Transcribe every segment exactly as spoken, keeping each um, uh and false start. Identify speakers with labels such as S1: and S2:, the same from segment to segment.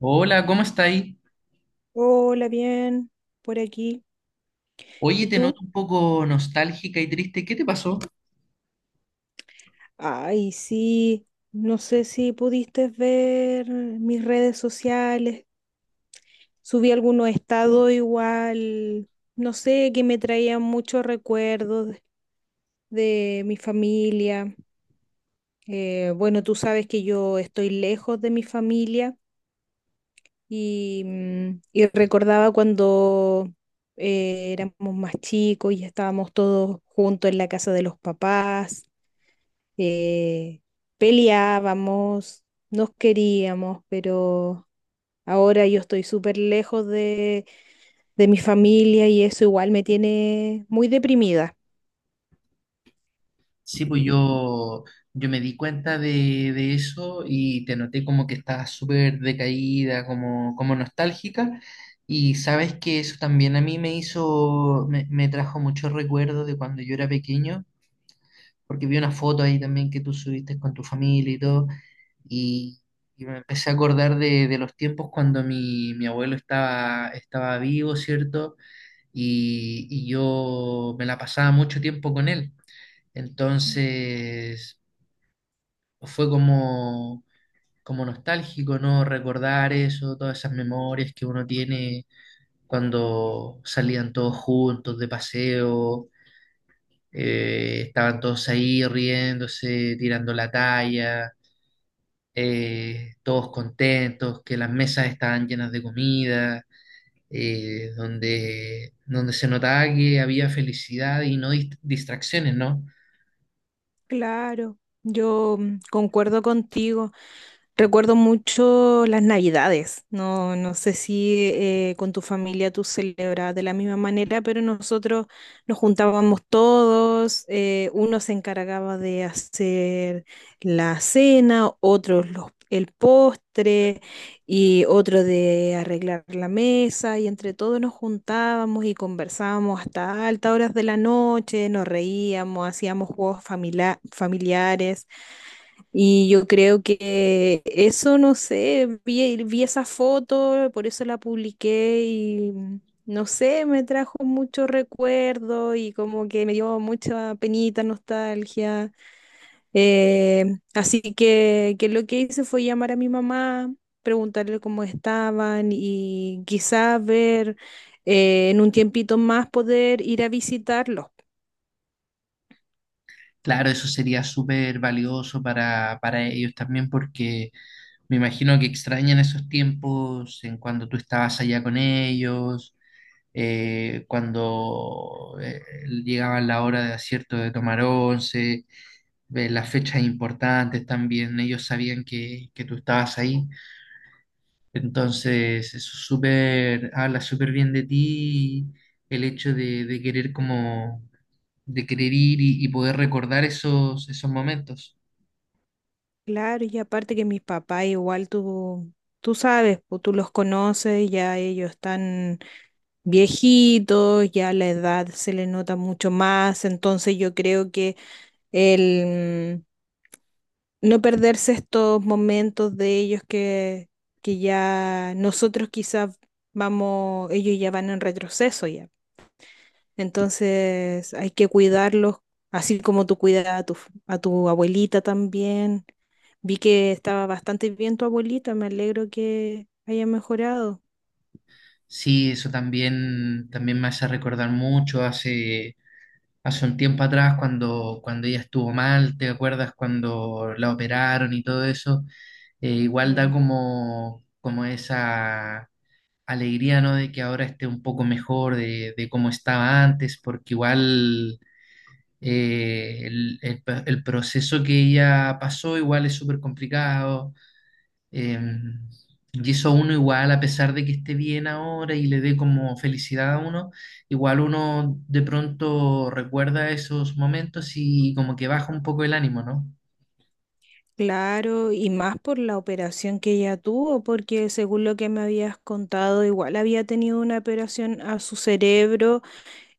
S1: Hola, ¿cómo está ahí?
S2: Hola, bien, por aquí.
S1: Oye,
S2: ¿Y
S1: te noto
S2: tú?
S1: un poco nostálgica y triste. ¿Qué te pasó?
S2: Ay, sí, no sé si pudiste ver mis redes sociales. Subí algunos estados igual, no sé, que me traían muchos recuerdos de mi familia. Eh, bueno, tú sabes que yo estoy lejos de mi familia y, mm, y recordaba cuando eh, éramos más chicos y estábamos todos juntos en la casa de los papás, eh, peleábamos, nos queríamos, pero ahora yo estoy súper lejos de, de mi familia y eso igual me tiene muy deprimida.
S1: Sí, pues yo, yo me di cuenta de, de eso y te noté como que estabas súper decaída, como, como nostálgica. Y sabes que eso también a mí me hizo, me, me trajo muchos recuerdos de cuando yo era pequeño, porque vi una foto ahí también que tú subiste con tu familia y todo. Y, y me empecé a acordar de, de los tiempos cuando mi, mi abuelo estaba, estaba vivo, ¿cierto? Y, y yo me la pasaba mucho tiempo con él. Entonces fue como, como nostálgico, ¿no? Recordar eso, todas esas memorias que uno tiene cuando salían todos juntos de paseo, eh, estaban todos ahí riéndose, tirando la talla. Eh, todos contentos, que las mesas estaban llenas de comida, eh, donde, donde se notaba que había felicidad y no dist- distracciones, ¿no?
S2: Claro, yo mm, concuerdo contigo. Recuerdo mucho las Navidades. No, no sé si eh, con tu familia tú celebras de la misma manera, pero nosotros nos juntábamos todos. Eh, uno se encargaba de hacer la cena, otros los, el postre y otro de arreglar la mesa. Y entre todos nos juntábamos y conversábamos hasta altas horas de la noche, nos reíamos, hacíamos juegos familia- familiares. Y yo creo que eso, no sé, vi, vi esa foto, por eso la publiqué y mm, no sé, me trajo mucho recuerdo y como que me dio mucha penita, nostalgia. Eh, Así que, que lo que hice fue llamar a mi mamá, preguntarle cómo estaban y quizás ver eh, en un tiempito más poder ir a visitarlos.
S1: Claro, eso sería súper valioso para, para ellos también porque me imagino que extrañan esos tiempos en cuando tú estabas allá con ellos, eh, cuando eh, llegaba la hora de acierto de tomar once, eh, las fechas importantes también, ellos sabían que, que tú estabas ahí. Entonces, eso es súper, habla súper bien de ti, el hecho de, de querer como, de querer ir y, y poder recordar esos, esos momentos.
S2: Claro, y aparte que mis papás igual tú, tú sabes, pues, tú los conoces, ya ellos están viejitos, ya la edad se les nota mucho más, entonces yo creo que el mm, no perderse estos momentos de ellos que, que ya nosotros quizás vamos, ellos ya van en retroceso ya, entonces hay que cuidarlos, así como tú cuidas a tu, a tu abuelita también. Vi que estaba bastante bien tu abuelita, me alegro que haya mejorado.
S1: Sí, eso también, también me hace recordar mucho hace, hace un tiempo atrás cuando, cuando ella estuvo mal, ¿te acuerdas cuando la operaron y todo eso? Eh, igual da
S2: Sí.
S1: como, como esa alegría, ¿no? De que ahora esté un poco mejor de, de cómo estaba antes, porque igual eh, el, el- el proceso que ella pasó igual es súper complicado eh, y eso uno igual, a pesar de que esté bien ahora y le dé como felicidad a uno, igual uno de pronto recuerda esos momentos y como que baja un poco el ánimo, ¿no?
S2: Claro, y más por la operación que ella tuvo, porque según lo que me habías contado, igual había tenido una operación a su cerebro.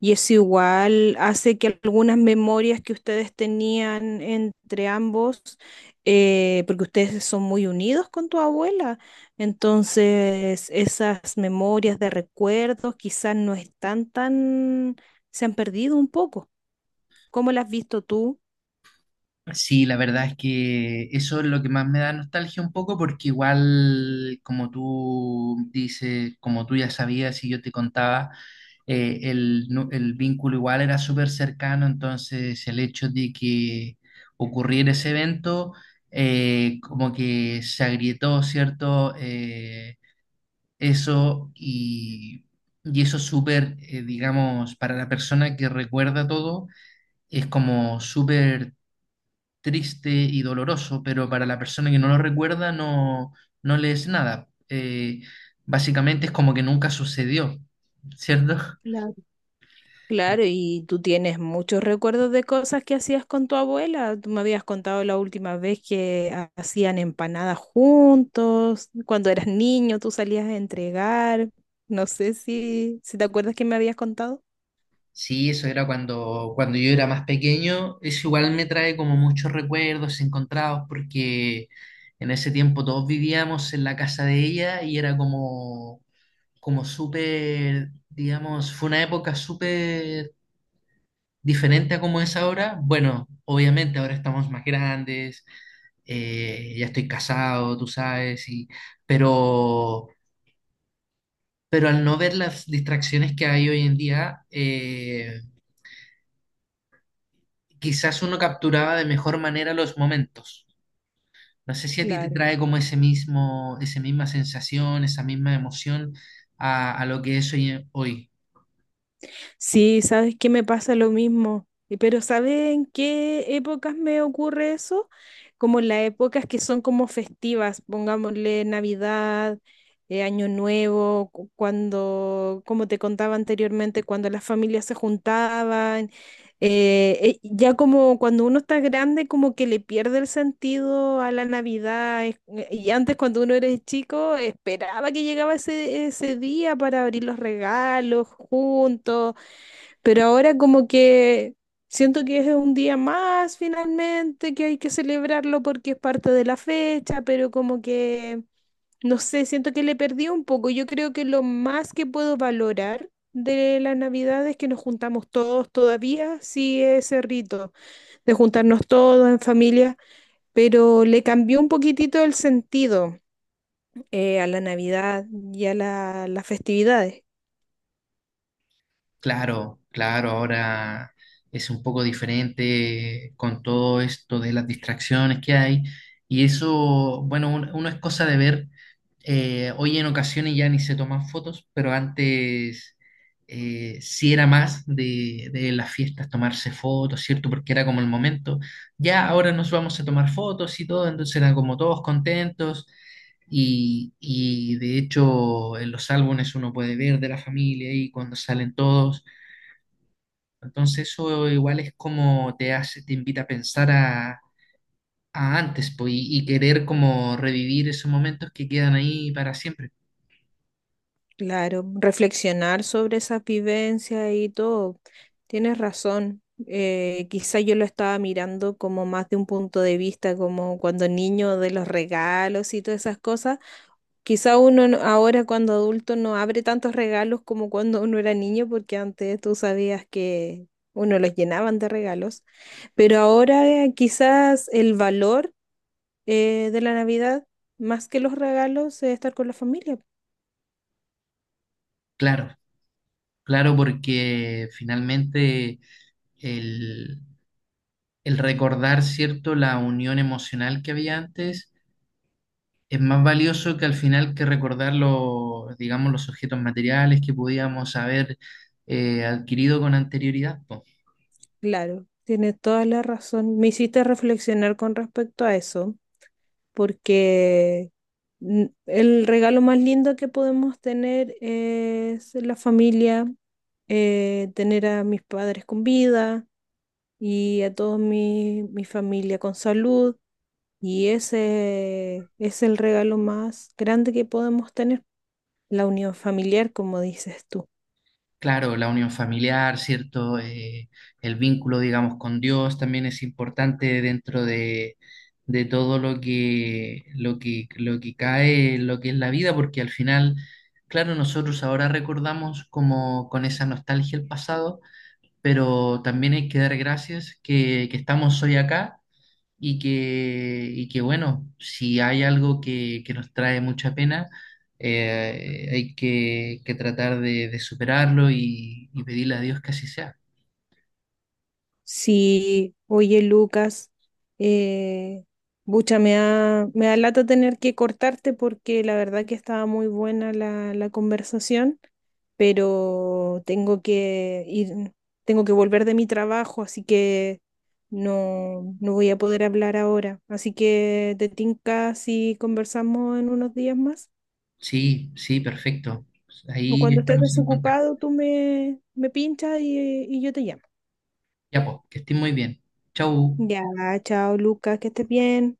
S2: Y eso igual hace que algunas memorias que ustedes tenían entre ambos, eh, porque ustedes son muy unidos con tu abuela, entonces esas memorias de recuerdos quizás no están tan, se han perdido un poco. ¿Cómo las has visto tú?
S1: Sí, la verdad es que eso es lo que más me da nostalgia un poco porque igual, como tú dices, como tú ya sabías y yo te contaba, eh, el, nu- el vínculo igual era súper cercano, entonces el hecho de que ocurriera ese evento, eh, como que se agrietó, ¿cierto? Eh, eso y, y eso es súper, eh, digamos, para la persona que recuerda todo es como súper triste y doloroso, pero para la persona que no lo recuerda no, no le es nada. Eh, básicamente es como que nunca sucedió, ¿cierto?
S2: Claro, y tú tienes muchos recuerdos de cosas que hacías con tu abuela. Tú me habías contado la última vez que ha- hacían empanadas juntos, cuando eras niño tú salías a entregar. No sé si, si te acuerdas que me habías contado.
S1: Sí, eso era cuando, cuando yo era más pequeño. Eso igual me trae como muchos recuerdos encontrados porque en ese tiempo todos vivíamos en la casa de ella y era como, como súper, digamos, fue una época súper diferente a como es ahora. Bueno, obviamente ahora estamos más grandes, eh, ya estoy casado, tú sabes, y, pero, pero al no ver las distracciones que hay hoy en día, eh, quizás uno capturaba de mejor manera los momentos. No sé si a ti te
S2: Claro.
S1: trae como ese mismo, esa misma sensación, esa misma emoción a, a lo que es hoy. Hoy.
S2: Sí, sabes que me pasa lo mismo, Y- pero ¿sabes en qué épocas me ocurre eso? Como en las épocas que son como festivas, pongámosle Navidad, eh, Año Nuevo, cu- cuando, como te contaba anteriormente, cuando las familias se juntaban, eh, eh, ya como cuando uno está grande, como que le pierde el sentido a la Navidad, es- eh, y antes cuando uno era chico, esperaba que llegaba ese, ese día para abrir los regalos juntos, pero ahora como que siento que es un día más finalmente, que hay que celebrarlo porque es parte de la fecha, pero como que, no sé, siento que le perdí un poco. Yo creo que lo más que lograr, juntamos todos los días, sí, ese ri- de juntarnos familia, pero le cambia un poquitito el sentido eh, a la Navidad y a la- a las actividades.
S1: Claro, claro, ahora es un poco diferente con todo esto de las distracciones que hay y eso, bueno, un- uno es cosa de ver, eh, hoy en ocasiones ya ni se toman fotos, pero antes eh, sí era más de, de las fiestas tomarse fotos, ¿cierto? Porque era como el momento, ya ahora nos vamos a tomar fotos y todo, entonces eran como todos contentos. Y, y de hecho en los álbumes uno puede ver de la familia y cuando salen todos. Entonces eso igual es como te hace, te invita a pensar a, a antes, pues, y, y querer como revivir esos momentos que quedan ahí para siempre.
S2: Claro, reflexionar sobre esa vivencia y todo. Tienes razón. Eh, quizá yo lo estaba mirando como más de un punto de vista, como cuando niño de los regalos y todas esas cosas. Quizá uno no- ahora cuando adulto no abre tantos regalos como cuando uno era niño, porque antes tú sabías que uno los llenaban de regalos. Pero ahora eh, quizás el valor eh, de la Navidad, más que los regalos, es estar con la familia.
S1: Claro, claro, porque finalmente el, el recordar, ¿cierto?, la unión emocional que había antes es más valioso que al final que recordar los, digamos, los objetos materiales que podíamos haber eh, adquirido con anterioridad, po.
S2: Claro, tienes toda la razón. Me hiciste reflexionar con respecto a eso, porque n- el regalo más lindo que podemos tener es la familia, eh, tener a mis padres con vida y a toda mi, mi familia con salud. Y ese es el regalo más grande que podemos tener, la unión familiar, como dices tú.
S1: Claro, la unión familiar, ¿cierto? Eh, el vínculo, digamos, con Dios también es importante dentro de, de todo lo que, lo que, lo que cae, lo que es la vida, porque al final, claro, nosotros ahora recordamos como con esa nostalgia el pasado, pero también hay que dar gracias que, que estamos hoy acá y que, y que bueno, si hay algo que, que nos trae mucha pena, eh, hay que, que tratar de, de superarlo y, y pedirle a Dios que así sea.
S2: Sí, oye Lucas, eh, bucha, me da, me da lata tener que cortarte porque la verdad que estaba muy buena la, la conversación, pero tengo que ir, tengo que volver de mi trabajo, así que no, no voy a poder hablar ahora. Así que te tinca si conversamos en unos días más,
S1: Sí, sí, perfecto.
S2: o
S1: Ahí
S2: cuando estés
S1: estamos en contacto.
S2: desocupado, tú me, me pinchas y, y yo te llamo.
S1: Ya, pues, que estén muy bien. Chau.
S2: Ya, chao Lucas, que estés bien.